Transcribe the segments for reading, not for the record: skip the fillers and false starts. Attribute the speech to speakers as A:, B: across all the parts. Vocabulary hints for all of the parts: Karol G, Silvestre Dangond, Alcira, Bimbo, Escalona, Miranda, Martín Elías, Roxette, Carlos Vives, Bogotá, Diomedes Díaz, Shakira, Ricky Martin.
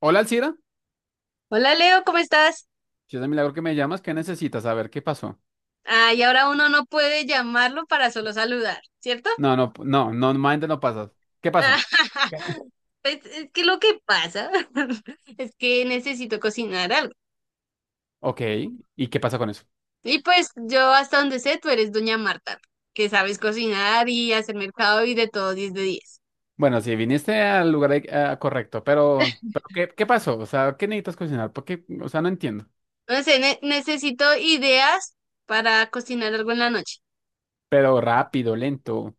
A: Hola, Alcira.
B: Hola Leo, ¿cómo estás?
A: Si es de milagro que me llamas, ¿qué necesitas? Saber qué pasó.
B: Ah, y ahora uno no puede llamarlo para solo saludar, ¿cierto?
A: No, no, no, no, normalmente no pasas. ¿Qué pasó?
B: Pues, es que lo que pasa es que necesito cocinar algo.
A: Ok, ¿y qué pasa con eso?
B: Y pues yo hasta donde sé, tú eres doña Marta, que sabes cocinar y hacer mercado y de todo 10 de 10.
A: Bueno, sí, viniste al lugar correcto, pero ¿qué pasó? O sea, ¿qué necesitas cocinar? Porque, o sea, no entiendo.
B: No sé, necesito ideas para cocinar algo en la noche.
A: Pero rápido, lento,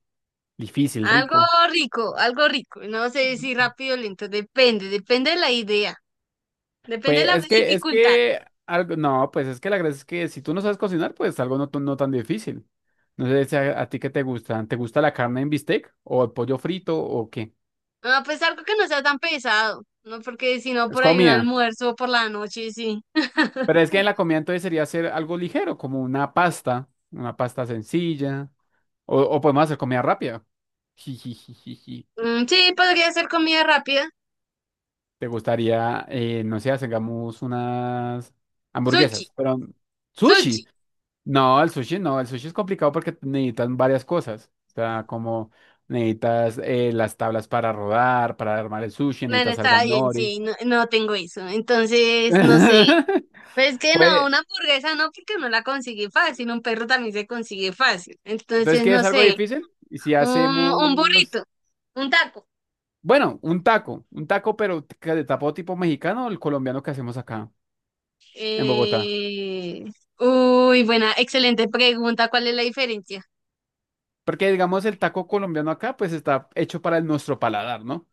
A: difícil,
B: Algo
A: rico.
B: rico, algo rico. No sé si rápido o lento, depende, depende de la idea, depende de
A: Pues
B: la dificultad.
A: algo, no, pues es que la gracia es que si tú no sabes cocinar, pues algo no, no tan difícil. No sé si a ti qué te gusta. ¿Te gusta la carne en bistec o el pollo frito o qué?
B: Ah, pues algo que no sea tan pesado, ¿no? Porque si no,
A: Es
B: por ahí un
A: comida.
B: almuerzo por la noche, sí.
A: Pero es que en la comida entonces sería hacer algo ligero, como una pasta sencilla, o podemos hacer comida rápida. Jijijijiji.
B: Mm, sí, podría hacer comida rápida.
A: ¿Te gustaría, no sé, hagamos unas
B: Sushi,
A: hamburguesas, pero
B: sushi.
A: sushi? No, el sushi no, el sushi es complicado porque necesitas varias cosas. O sea, como necesitas las tablas para rodar, para armar el sushi,
B: Bueno,
A: necesitas alga
B: está bien,
A: nori.
B: sí, no, no tengo eso. Entonces, no sé. Pero es que no,
A: Pues,
B: una hamburguesa no, porque no la consigue fácil. Un perro también se consigue fácil.
A: entonces,
B: Entonces, no
A: ¿quieres algo
B: sé.
A: difícil? ¿Y si
B: Un
A: hacemos
B: burrito, un taco.
A: bueno, un taco, pero que de tapo tipo mexicano, el colombiano que hacemos acá en Bogotá?
B: Eh... Uy, buena, excelente pregunta. ¿Cuál es la diferencia?
A: Porque digamos el taco colombiano acá, pues está hecho para nuestro paladar, ¿no?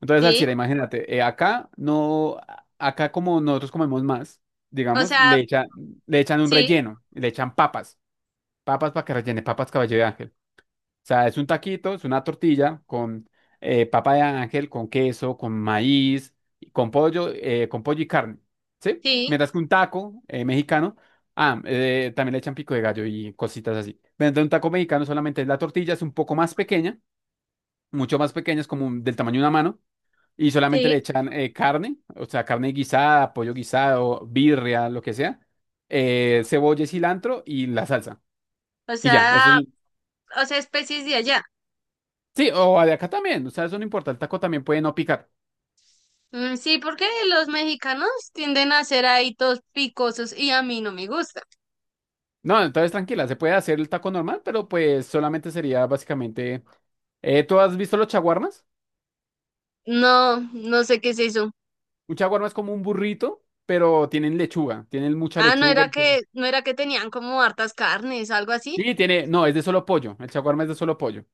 A: Entonces,
B: Sí,
A: Alcira, imagínate, acá no, acá como nosotros comemos más,
B: o
A: digamos,
B: sea,
A: le echan un
B: sí,
A: relleno, le echan papas, papas para que rellene, papas caballo de ángel. O sea, es un taquito, es una tortilla con papa de ángel, con queso, con maíz, y con pollo y carne, ¿sí?
B: sí.
A: Mientras que un taco mexicano, también le echan pico de gallo y cositas así. Mientras un taco mexicano solamente es la tortilla, es un poco más pequeña, mucho más pequeña, es como del tamaño de una mano, y solamente le
B: Sí,
A: echan carne, o sea, carne guisada, pollo guisado, birria, lo que sea, cebolla y cilantro y la salsa.
B: o
A: Y ya, eso es
B: sea, o sea, especies de allá.
A: sí, o de acá también, o sea, eso no importa, el taco también puede no picar.
B: Mm, sí, porque los mexicanos tienden a ser ahí todos picosos y a mí no me gusta.
A: No, entonces tranquila, se puede hacer el taco normal, pero pues solamente sería básicamente... ¿tú has visto los chaguarmas?
B: No, no sé qué es eso.
A: Un chaguarma es como un burrito, pero tienen lechuga, tienen mucha
B: Ah,
A: lechuga y tienen-
B: no era que tenían como hartas carnes, algo así.
A: sí, tiene, no, es de solo pollo, el chaguarma es de solo pollo.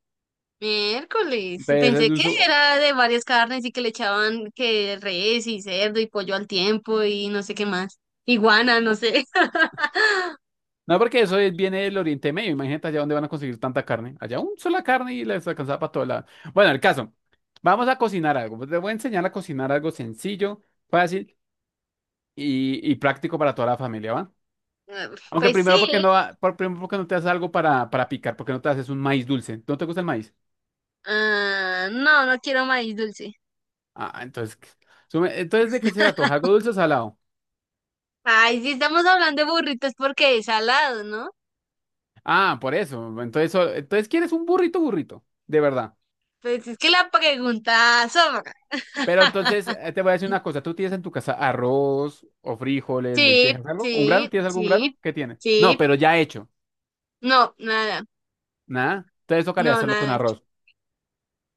B: Miércoles,
A: Entonces, es
B: pensé
A: de un
B: que era de varias carnes y que le echaban que res y cerdo y pollo al tiempo y no sé qué más. Iguana, no sé.
A: no, porque eso viene del Oriente Medio, imagínate allá dónde van a conseguir tanta carne. Allá un sola carne y les alcanzaba para todo lado. Bueno, el caso, vamos a cocinar algo. Pues, te voy a enseñar a cocinar algo sencillo, fácil y práctico para toda la familia, ¿va?
B: Ah,
A: Aunque
B: pues
A: primero porque
B: sí.
A: no, primero porque no te haces algo para picar, porque no te haces un maíz dulce. ¿No te gusta el maíz?
B: Ah, no, no quiero maíz dulce.
A: Ah, entonces, entonces de qué se antoja? ¿Algo dulce o salado?
B: Ay, sí estamos hablando de burritos porque es salado, ¿no?
A: Ah, por eso. Entonces, entonces quieres un burrito, burrito, de verdad.
B: Pues es que la pregunta sobra.
A: Pero entonces te voy a decir una cosa, ¿tú tienes en tu casa arroz o frijoles,
B: Sí,
A: lentejas, algo? ¿Un
B: sí,
A: grano? ¿Tienes algún
B: sí,
A: grano? ¿Qué tienes? No,
B: sí.
A: pero ya hecho.
B: No, nada.
A: Nada. Entonces tocaría
B: No,
A: hacerlo con
B: nada hecho.
A: arroz.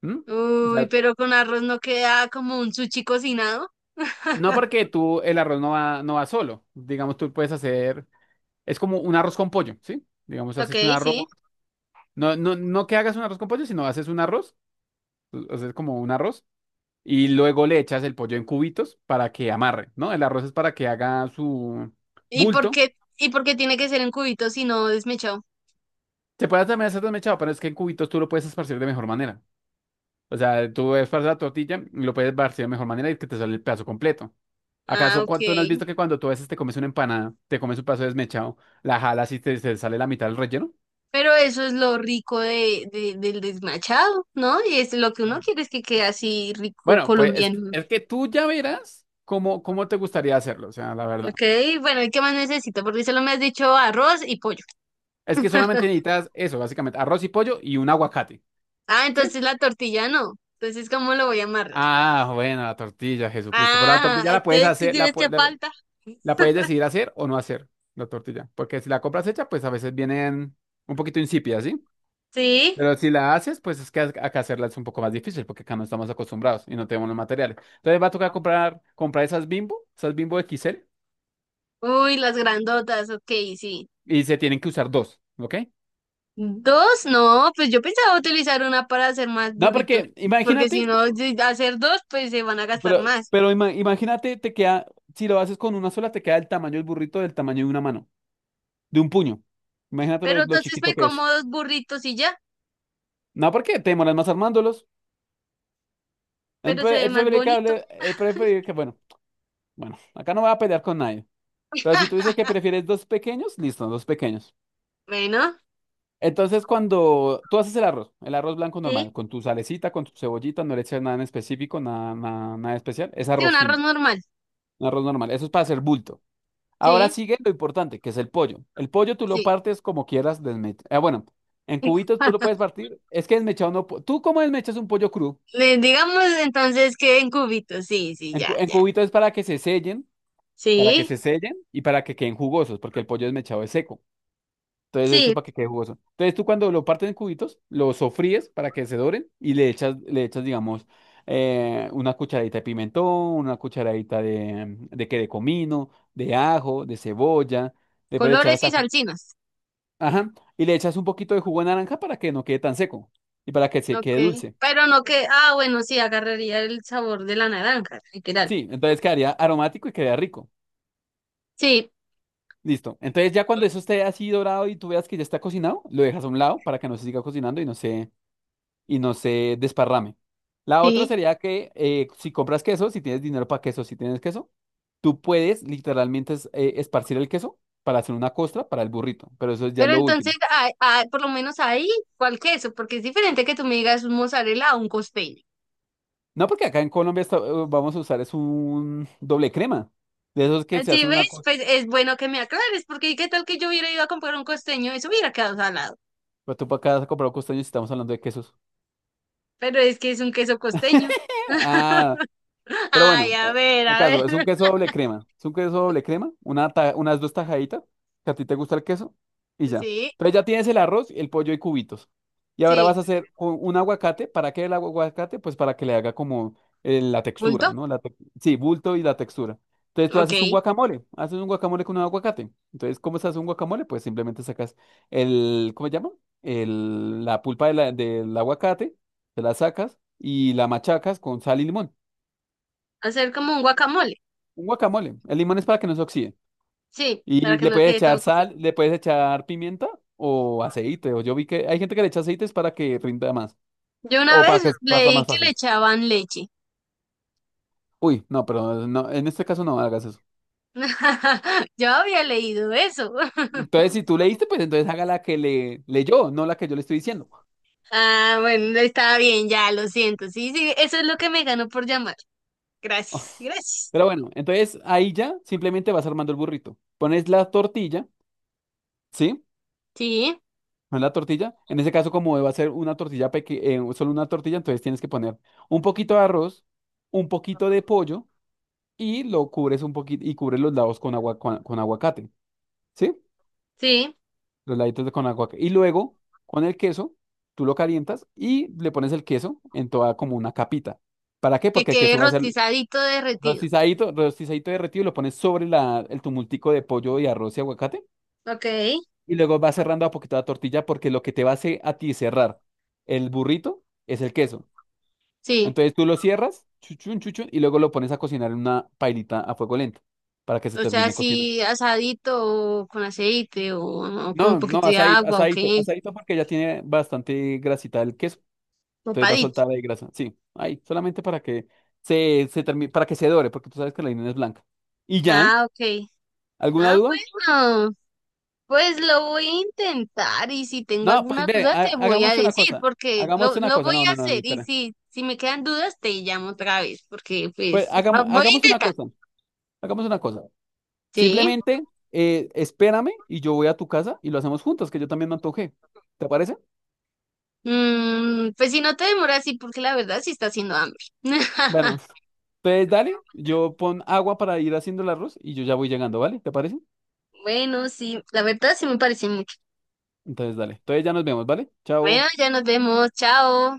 A: ¿M? O
B: Uy,
A: sea,
B: pero con arroz no queda como un sushi cocinado.
A: no porque tú el arroz no va, no va solo. Digamos, tú puedes hacer es como un arroz con pollo, ¿sí? Digamos,
B: Ok,
A: haces un arroz.
B: sí.
A: No, no, no que hagas un arroz con pollo, sino haces un arroz, haces como un arroz, y luego le echas el pollo en cubitos para que amarre, ¿no? El arroz es para que haga su bulto.
B: ¿Y por qué tiene que ser en cubitos si no desmechado?
A: Se puede también hacer desmechado, pero es que en cubitos tú lo puedes esparcir de mejor manera. O sea, tú esparces la tortilla y lo puedes esparcir de mejor manera y que te sale el pedazo completo.
B: Ah,
A: ¿Acaso no has
B: ok.
A: visto que cuando tú a veces te comes una empanada, te comes un pedazo desmechado, la jalas y te sale la mitad del relleno?
B: Pero eso es lo rico del desmachado, ¿no? Y es lo que uno quiere es que quede así rico
A: Bueno, pues
B: colombiano.
A: es que tú ya verás cómo te gustaría hacerlo, o sea, la verdad.
B: Ok, bueno, ¿y qué más necesito? Porque solo me has dicho arroz y pollo.
A: Es que solamente necesitas eso, básicamente, arroz y pollo y un aguacate,
B: Ah,
A: ¿sí?
B: entonces la tortilla no. Entonces, ¿cómo lo voy a amarrar?
A: Ah, bueno, la tortilla, Jesucristo. Pero la
B: Ah,
A: tortilla la puedes
B: entonces, ¿qué
A: hacer,
B: tienes que falta?
A: la puedes decidir hacer o no hacer, la tortilla. Porque si la compras hecha, pues a veces vienen un poquito insípidas, ¿sí?
B: Sí.
A: Pero si la haces, pues es que acá hacerla es un poco más difícil porque acá no estamos acostumbrados y no tenemos los materiales. Entonces va a tocar comprar esas Bimbo XL
B: Uy, las grandotas, ok, sí.
A: y se tienen que usar dos, ¿ok?
B: Dos, no, pues yo pensaba utilizar una para hacer más
A: No,
B: burritos,
A: porque
B: porque
A: imagínate,
B: si no,
A: tú-
B: si hacer dos, pues se van a gastar
A: pero,
B: más.
A: pero imagínate, te queda, si lo haces con una sola, te queda el tamaño del burrito del tamaño de una mano, de un puño. Imagínate
B: Pero
A: lo
B: entonces me
A: chiquito que
B: como
A: es.
B: dos burritos y ya,
A: No, porque te demoras más armándolos. Es
B: pero se ve
A: es
B: más
A: preferible que,
B: bonito.
A: es preferible que, bueno, bueno, acá no voy a pelear con nadie. Pero si tú dices que prefieres dos pequeños, listo, dos pequeños.
B: Bueno,
A: Entonces, cuando tú haces el arroz blanco
B: sí.
A: normal, con tu salecita, con tu cebollita, no le echas nada en específico, nada, nada, nada especial, es
B: Sí,
A: arroz
B: un arroz
A: simple,
B: normal.
A: un arroz normal. Eso es para hacer bulto. Ahora
B: Sí,
A: sigue lo importante, que es el pollo. El pollo tú lo
B: sí.
A: partes como quieras desmechado. Bueno, en cubitos tú lo puedes partir. Es que desmechado no. ¿Tú cómo desmechas un pollo crudo?
B: Le- Digamos entonces que en cubitos, sí, sí,
A: En,
B: ya,
A: en
B: ya.
A: cubitos es para que se sellen, para que
B: Sí,
A: se sellen y para que queden jugosos, porque el pollo desmechado es seco. Entonces eso es
B: sí,
A: para que quede jugoso. Entonces tú cuando lo partes en cubitos, lo sofríes para que se doren y le echas, digamos, una cucharadita de pimentón, una cucharadita de comino, de ajo, de cebolla. Después echar
B: colores y
A: hasta
B: salsinas.
A: ajá. Y le echas un poquito de jugo de naranja para que no quede tan seco y para que se
B: Ok.
A: quede dulce.
B: Pero no que, ah, bueno, sí, agarraría el sabor de la naranja, literal.
A: Sí, entonces quedaría aromático y quedaría rico.
B: Sí,
A: Listo. Entonces ya cuando eso esté así dorado y tú veas que ya está cocinado, lo dejas a un lado para que no se siga cocinando y y no se desparrame. La otra
B: sí.
A: sería que si compras queso, si tienes dinero para queso, si tienes queso, tú puedes literalmente esparcir el queso para hacer una costra para el burrito, pero eso es ya
B: Pero
A: lo último.
B: entonces, ah, ah, por lo menos ahí, ¿cuál queso? Porque es diferente que tú me digas un mozzarella o un costeño.
A: No, porque acá en Colombia vamos a usar es un doble crema, de esos que se
B: Así
A: hacen una,
B: ves, pues es bueno que me aclares, porque ¿qué tal que yo hubiera ido a comprar un costeño? Eso hubiera quedado salado.
A: pero tú para acá has comprado costeños y estamos hablando de quesos.
B: Pero es que es un queso costeño.
A: Ah, pero
B: Ay,
A: bueno,
B: a ver,
A: el
B: a ver.
A: caso, es un queso doble crema. Es un queso doble crema, una unas dos tajaditas, que a ti te gusta el queso, y
B: Pues
A: ya.
B: sí,
A: Entonces ya tienes el arroz, el pollo y cubitos. Y ahora
B: sí.
A: vas a hacer un aguacate. ¿Para qué el aguacate? Pues para que le haga como la
B: ¿Bulto?
A: textura, ¿no? La sí, bulto y la textura. Entonces tú
B: Ok.
A: haces un guacamole con un aguacate. Entonces, ¿cómo se hace un guacamole? Pues simplemente sacas el, ¿cómo se llama? El, la pulpa de del aguacate, te la sacas y la machacas con sal y limón.
B: Hacer como un guacamole.
A: Un guacamole. El limón es para que no se oxide.
B: Sí, para
A: Y
B: que
A: le
B: no
A: puedes
B: quede
A: echar
B: todo.
A: sal, le puedes echar pimienta o aceite. O yo vi que hay gente que le echa aceites para que rinda más.
B: Yo una
A: O para
B: vez
A: que pasa
B: leí
A: más
B: que le
A: fácil.
B: echaban leche.
A: Uy, no, pero no, en este caso no hagas eso.
B: Yo había leído eso.
A: Entonces, si tú leíste, pues entonces haga la que le leyó, no la que yo le estoy diciendo.
B: Ah, bueno, está bien, ya, lo siento. Sí, sí, eso es lo que me ganó por llamar. Gracias, gracias.
A: Pero bueno, entonces ahí ya simplemente vas armando el burrito. Pones la tortilla, ¿sí?
B: Sí,
A: Pones la tortilla. En ese caso, como va a ser una tortilla pequeña, solo una tortilla, entonces tienes que poner un poquito de arroz, un poquito de pollo y lo cubres un poquito y cubres los lados con con aguacate, ¿sí?
B: sí,
A: Los laditos con aguacate. Y luego con el queso, tú lo calientas y le pones el queso en toda como una capita. ¿Para qué?
B: que
A: Porque el
B: quede
A: queso va a ser
B: rostizadito derretido.
A: rostizadito, rostizadito derretido y lo pones sobre el tumultico de pollo y arroz y aguacate.
B: Ok.
A: Y luego vas cerrando a poquito la tortilla porque lo que te va a hacer a ti cerrar el burrito es el queso.
B: Sí,
A: Entonces tú lo cierras, chuchun, chuchun, y luego lo pones a cocinar en una pailita a fuego lento para que se
B: o sea,
A: termine cocinando.
B: así asadito o con aceite o con un
A: No, no,
B: poquito de
A: asadito,
B: agua o
A: asadito,
B: qué,
A: asadito porque ya tiene bastante grasita el queso, entonces va a
B: papadito.
A: soltar ahí grasa. Sí, ahí, solamente para que se termine, para que se dore, porque tú sabes que la harina es blanca. ¿Y ya?
B: Ah, ok.
A: ¿Alguna
B: Ah,
A: duda?
B: bueno. Pues lo voy a intentar y si tengo
A: No,
B: alguna
A: pues ve,
B: duda te voy a
A: hagamos una
B: decir
A: cosa.
B: porque
A: Hagamos
B: lo,
A: una
B: lo
A: cosa.
B: voy
A: No,
B: a
A: no, no, no,
B: hacer y
A: espera.
B: si, si me quedan dudas te llamo otra vez porque pues
A: Pues
B: lo voy a
A: hagamos una
B: intentar.
A: cosa. Hagamos una cosa.
B: Sí.
A: Simplemente espérame y yo voy a tu casa y lo hacemos juntos, que yo también me antojé. ¿Te parece?
B: Mm, pues si no te demoras, sí, porque la verdad sí está haciendo hambre.
A: Bueno, entonces dale, yo pon agua para ir haciendo el arroz y yo ya voy llegando, ¿vale? ¿Te parece?
B: Bueno, sí, la verdad sí me parece mucho.
A: Entonces, dale. Entonces ya nos vemos, ¿vale?
B: Bueno,
A: Chao.
B: ya nos vemos, chao.